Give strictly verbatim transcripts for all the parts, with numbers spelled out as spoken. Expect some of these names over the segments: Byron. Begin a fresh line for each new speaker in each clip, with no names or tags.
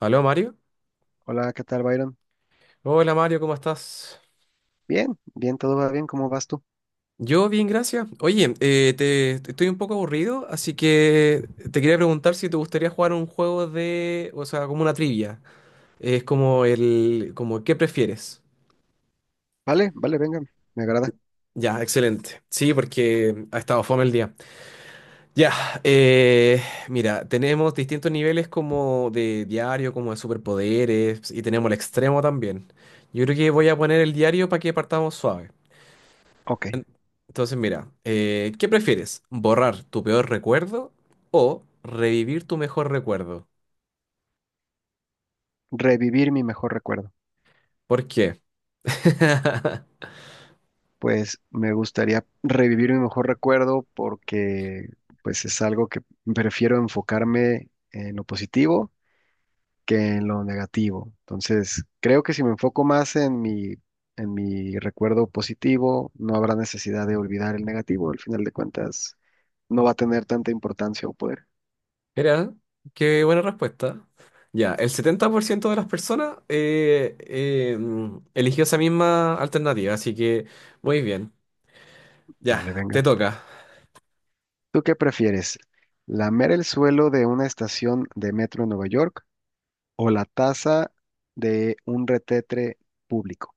Aló Mario.
Hola, ¿qué tal, Byron?
Hola Mario, ¿cómo estás?
Bien, bien, todo va bien, ¿cómo vas tú?
Yo bien, gracias. Oye, eh, te, te- estoy un poco aburrido, así que te quería preguntar si te gustaría jugar un juego de, o sea, como una trivia. Es como el, como ¿qué prefieres?
Vale, vale, venga, me agrada.
Ya, excelente. Sí, porque ha estado fome el día. Ya, eh, mira, tenemos distintos niveles como de diario, como de superpoderes, y tenemos el extremo también. Yo creo que voy a poner el diario para que partamos suave.
Ok,
Entonces, mira, eh, ¿qué prefieres? ¿Borrar tu peor recuerdo o revivir tu mejor recuerdo?
revivir mi mejor recuerdo.
¿Por qué?
Pues me gustaría revivir mi mejor recuerdo porque pues es algo que prefiero enfocarme en lo positivo que en lo negativo. Entonces, creo que si me enfoco más en mi, en mi recuerdo positivo, no habrá necesidad de olvidar el negativo. Al final de cuentas, no va a tener tanta importancia o poder.
Mira, qué buena respuesta. Ya, el setenta por ciento de las personas eh, eh, mm, eligió esa misma alternativa, así que muy bien. Ya,
Vale, venga.
te toca.
¿Tú qué prefieres? ¿Lamer el suelo de una estación de metro en Nueva York o la taza de un retetre público?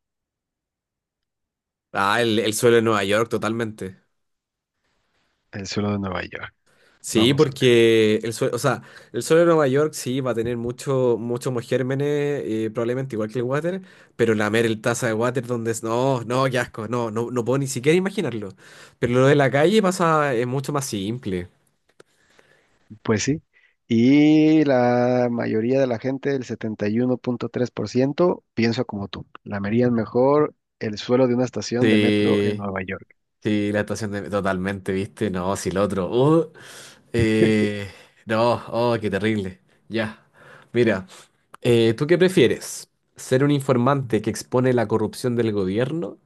Ah, el, el suelo de Nueva York, totalmente.
El suelo de Nueva York.
Sí,
Vamos a ver.
porque el suelo, o sea, el suelo de Nueva York sí va a tener mucho, muchos más gérmenes, eh, probablemente igual que el water, pero lamer el taza de water donde es, no, no, qué asco, no, no, no puedo ni siquiera imaginarlo. Pero lo de la calle pasa, es mucho más simple.
Pues sí. Y la mayoría de la gente, el setenta y uno punto tres por ciento, piensa como tú. Lamerían mejor el suelo de una estación de metro en
Sí,
Nueva York.
sí, la estación de, totalmente, ¿viste? No, si el otro, uh, eh, no, oh, qué terrible. Ya. Mira, eh, ¿tú qué prefieres? ¿Ser un informante que expone la corrupción del gobierno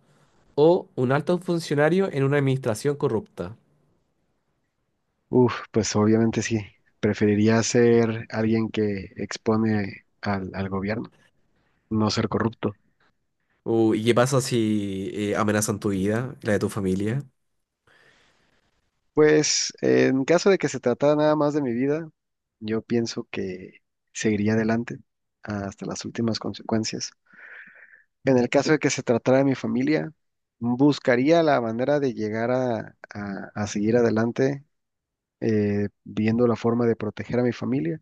o un alto funcionario en una administración corrupta?
Uf, pues obviamente sí. Preferiría ser alguien que expone al, al gobierno, no ser corrupto.
Uh, ¿y qué pasa si eh, amenazan tu vida, la de tu familia?
Pues en caso de que se tratara nada más de mi vida, yo pienso que seguiría adelante hasta las últimas consecuencias. En el caso de que se tratara de mi familia, buscaría la manera de llegar a, a- a seguir adelante, eh, viendo la forma de proteger a mi familia.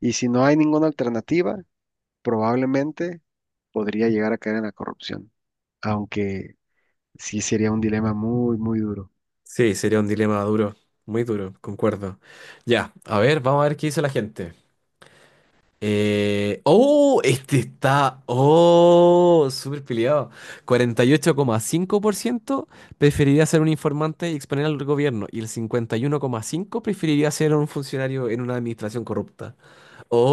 Y si no hay ninguna alternativa, probablemente podría llegar a caer en la corrupción, aunque sí sería un dilema muy, muy duro.
Sí, sería un dilema duro, muy duro, concuerdo. Ya, a ver, vamos a ver qué dice la gente. Eh, oh, este está, oh, súper peleado. Cuarenta y ocho coma cinco por ciento preferiría ser un informante y exponer al gobierno, y el cincuenta y uno coma cinco por ciento preferiría ser un funcionario en una administración corrupta.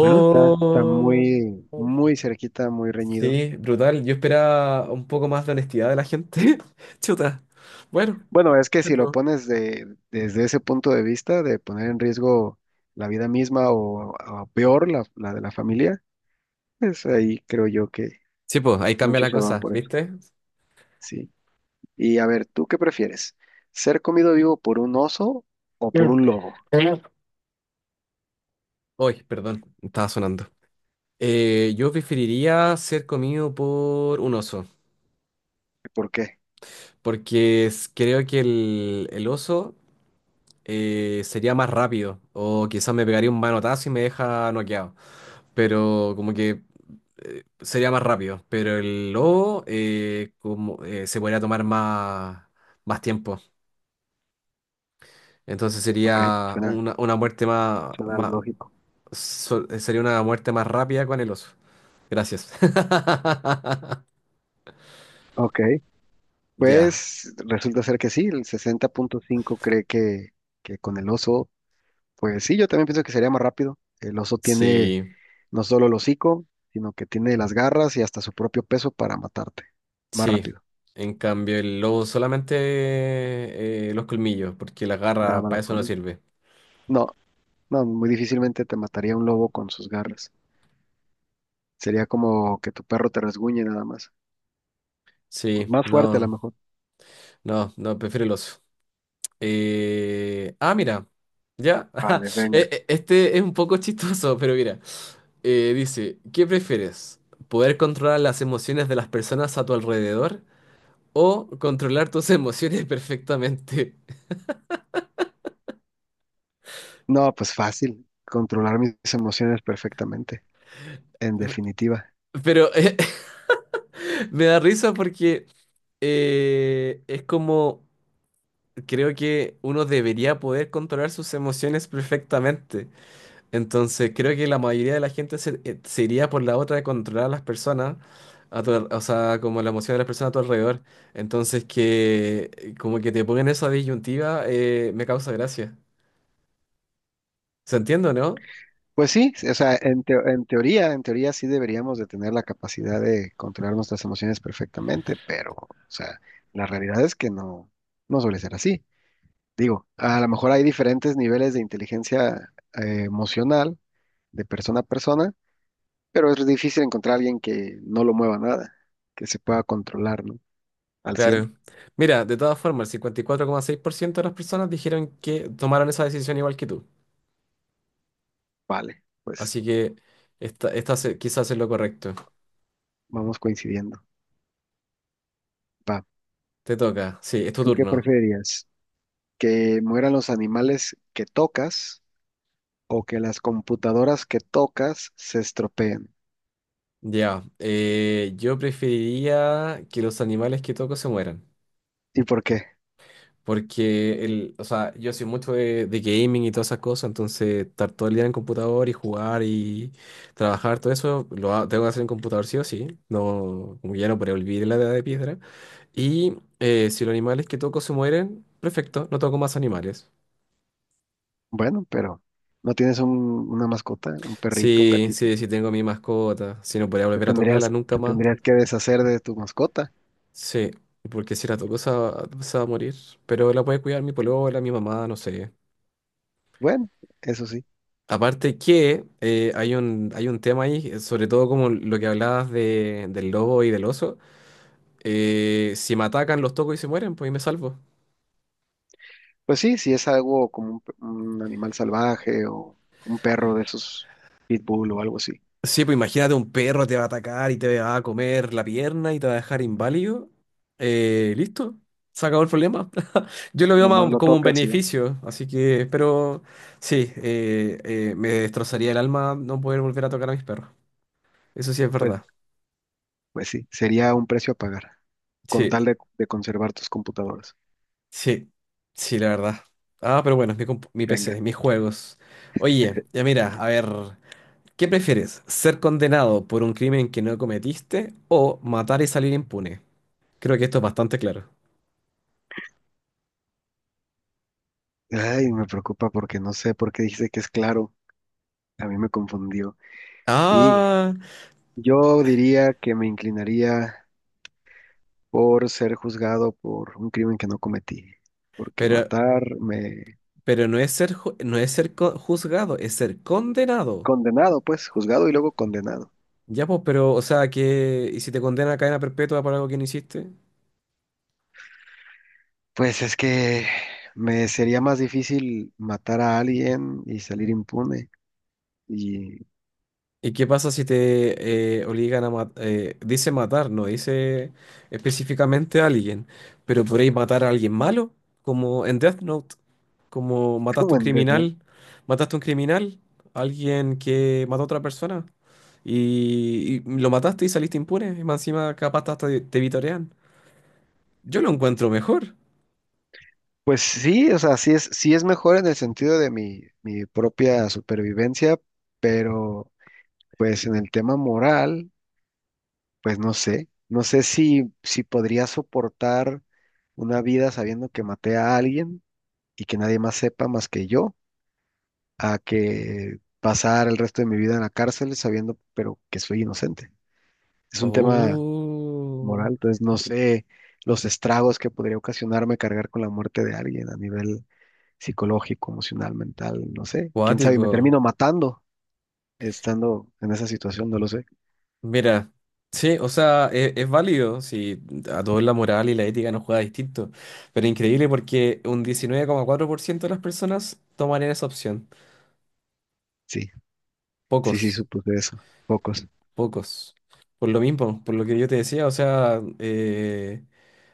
Bueno, está, está muy, muy cerquita, muy reñido.
Sí, brutal. Yo esperaba un poco más de honestidad de la gente. Chuta. Bueno.
Bueno, es que
Sí,
si lo
pues.
pones de, desde ese punto de vista, de poner en riesgo la vida misma o, o peor, la, la de la familia, pues ahí creo yo que
Sí, pues, ahí cambia
muchos
la
se van
cosa,
por eso.
¿viste?
Sí. Y a ver, ¿tú qué prefieres? ¿Ser comido vivo por un oso o por
Mm.
un lobo?
Mm. Uy, perdón, estaba sonando. Eh, yo preferiría ser comido por un oso,
¿Y ¿Por qué?
porque es- creo que el, el oso eh, sería más rápido, o quizás me pegaría un manotazo y me deja noqueado. Pero como que eh, sería más rápido, pero el lobo eh, como, eh, se podría tomar más, más tiempo. Entonces
Ok,
sería
suena,
una, una muerte más,
suena
más
lógico.
so- eh, sería una muerte más rápida con el oso. Gracias.
Ok,
Ya.
pues resulta ser que sí, el sesenta punto cinco cree que, que con el oso, pues sí, yo también pienso que sería más rápido. El oso tiene
Sí,
No solo el hocico, sino que tiene las garras y hasta su propio peso para matarte. Más
sí.
rápido.
En cambio, el lobo solamente eh, los colmillos, porque la
Nada
garra
más
para
lo
eso no
comí.
sirve.
No, no, muy difícilmente te mataría un lobo con sus garras. Sería como que tu perro te resguñe nada más.
Sí,
Más fuerte a lo
no,
mejor.
no, no, prefiero el oso. Eh, ah, mira, ya. Ajá,
Vale,
e-
venga.
e- este es un poco chistoso, pero mira. Eh, dice, ¿qué prefieres? ¿Poder controlar las emociones de las personas a tu alrededor o controlar tus emociones perfectamente?
No, pues fácil. Controlar mis emociones perfectamente, en definitiva.
Pero eh, me da risa porque eh, es como, creo que uno debería poder controlar sus emociones perfectamente. Entonces, creo que la mayoría de la gente se, eh, se iría por la otra de controlar a las personas, a tu al- o sea, como la emoción de las personas a tu alrededor. Entonces, que eh, como que te ponen esa disyuntiva, eh, me causa gracia. ¿Se entiende, o no?
Pues sí, o sea, en, teo- en teoría, en teoría sí deberíamos de tener la capacidad de controlar nuestras emociones perfectamente, pero, o sea, la realidad es que no, no suele ser así. Digo, a lo mejor hay diferentes niveles de inteligencia eh, emocional de persona a persona, pero es difícil encontrar a alguien que no lo mueva nada, que se pueda controlar, ¿no? Al cien.
Claro. Mira, de todas formas, el cincuenta y cuatro coma seis por ciento de las personas dijeron que tomaron esa decisión igual que tú.
Vale, pues
Así que esta, esta se- quizás es lo correcto.
vamos coincidiendo. Va.
Te toca. Sí, es tu
¿Tú qué
turno.
preferirías? ¿Que mueran los animales que tocas o que las computadoras que tocas se estropeen?
Ya. Eh, yo preferiría que los animales que toco se mueran.
¿Y por qué?
Porque el, o sea, yo soy mucho de, de gaming y todas esas cosas, entonces estar todo el día en el computador y jugar y trabajar, todo eso lo ha- tengo que hacer en computador sí o sí, no, como ya no podré olvidar la edad de piedra. Y eh, si los animales que toco se mueren, perfecto, no toco más animales.
Bueno, pero no tienes un- una mascota, un perrito, un
Sí,
gatito.
sí, sí tengo mi mascota, si no podría
Te
volver a
tendrías,
tocarla nunca
te
más,
tendrías que deshacer de tu mascota.
sí, porque si la toco se va, se va a morir, pero la puede cuidar mi polola, mi mamá, no sé.
Bueno, eso sí.
Aparte que eh, hay un, hay un tema ahí, eh, sobre todo como lo que hablabas de, del lobo y del oso. Eh, si me atacan, los toco y se mueren, pues y me salvo.
Pues sí, si es algo como un, pe- un animal salvaje o un perro de esos pitbull o algo así.
Sí, pues imagínate un perro te va a atacar y te va a comer la pierna y te va a dejar inválido. Eh, listo, se acabó el problema. Yo lo veo
Nomás
más
lo
como un
tocas y ya.
beneficio, así que, pero sí, eh, eh, me destrozaría el alma no poder volver a tocar a mis perros. Eso sí es
Pues,
verdad.
pues sí, sería un precio a pagar con
Sí.
tal de, de conservar tus computadoras.
Sí, sí, la verdad. Ah, pero bueno, es mi, compu- mi P C,
Venga.
mis juegos. Oye, ya mira, a ver, ¿qué prefieres? ¿Ser condenado por un crimen que no cometiste o matar y salir impune? Creo que esto es bastante claro.
Ay, me preocupa porque no sé por qué dijiste que es claro. A mí me confundió. Y
Ah,
yo diría que me inclinaría por ser juzgado por un crimen que no cometí. Porque
pero,
matar me...
pero no es ser, ju- no es ser co- juzgado, es ser condenado.
Condenado, pues, juzgado y luego condenado.
Ya, pues, pero, o sea, que, ¿y si te condena a cadena perpetua por algo que no hiciste?
Pues es que me sería más difícil matar a alguien y salir impune y
¿Y qué pasa si te eh, obligan a matar? Dice matar, no dice específicamente a alguien, pero podréis matar a alguien malo, como en Death Note, como mataste a
como
un
en Death
criminal, mataste a un criminal, alguien que mató a otra persona, y, y lo mataste y saliste impune, y más encima capaz hasta te, te vitorean. Yo lo encuentro mejor.
Pues sí, o sea, sí es, sí es mejor en el sentido de mi, mi propia supervivencia, pero pues en el tema moral, pues no sé, no sé si, si podría soportar una vida sabiendo que maté a alguien y que nadie más sepa más que yo, a que pasar el resto de mi vida en la cárcel sabiendo, pero que soy inocente. Es un tema
Oh,
moral. Entonces, no sé los estragos que podría ocasionarme cargar con la muerte de alguien a nivel psicológico, emocional, mental, no sé. Quién sabe, y me
cuático.
termino matando estando en esa situación, no lo sé.
Mira, sí, o sea, e- es, válido si a todos la moral y la ética nos juega distinto, pero increíble porque un diecinueve coma cuatro por ciento de las personas tomarían esa opción.
Sí, sí, sí,
Pocos,
supuse eso. Pocos.
pocos. Por lo mismo, por lo que yo te decía, o sea, eh,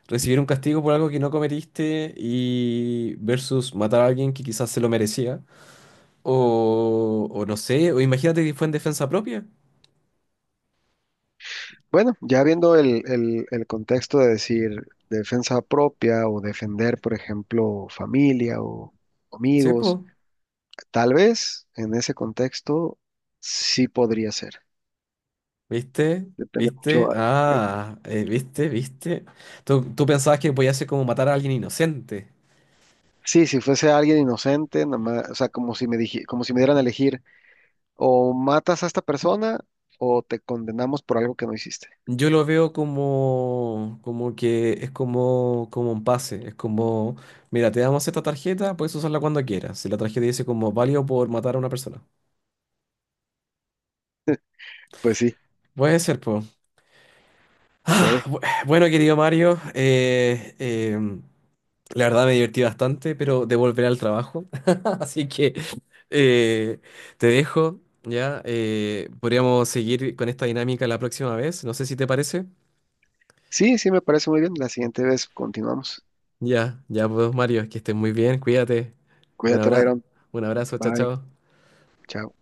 recibir un castigo por algo que no cometiste y versus matar a alguien que quizás se lo merecía. O, o no sé, o imagínate que fue en defensa propia.
Bueno, ya viendo el, el, el contexto de decir defensa propia o defender, por ejemplo, familia o
Sí, pues.
amigos, tal vez en ese contexto sí podría ser.
¿Viste?
Depende
¿Viste?
mucho eh,
Ah, eh, ¿viste? ¿Viste? Tú, tú pensabas que podía ser como matar a alguien inocente.
Sí, si fuese alguien inocente, nomás, o sea, como si me dije, como si me dieran a elegir, o matas a esta persona o te condenamos por algo que no hiciste.
Yo lo veo como, como que es como, como un pase. Es como, mira, te damos esta tarjeta, puedes usarla cuando quieras. Si la tarjeta dice como válido por matar a una persona.
Pues sí,
Puede ser, po. Ah,
puede.
bu- bueno, querido Mario, eh, em, la verdad me divertí bastante, pero devolveré al trabajo. Así que eh, te dejo, ¿ya? Eh, podríamos seguir con esta dinámica la próxima vez. No sé si te parece.
Sí, sí, me parece muy bien. La siguiente vez continuamos.
Ya, ya pues Mario, que estés muy bien, cuídate. Un
Cuídate,
abrazo,
Byron.
un abrazo, chao,
Bye.
chao.
Chao.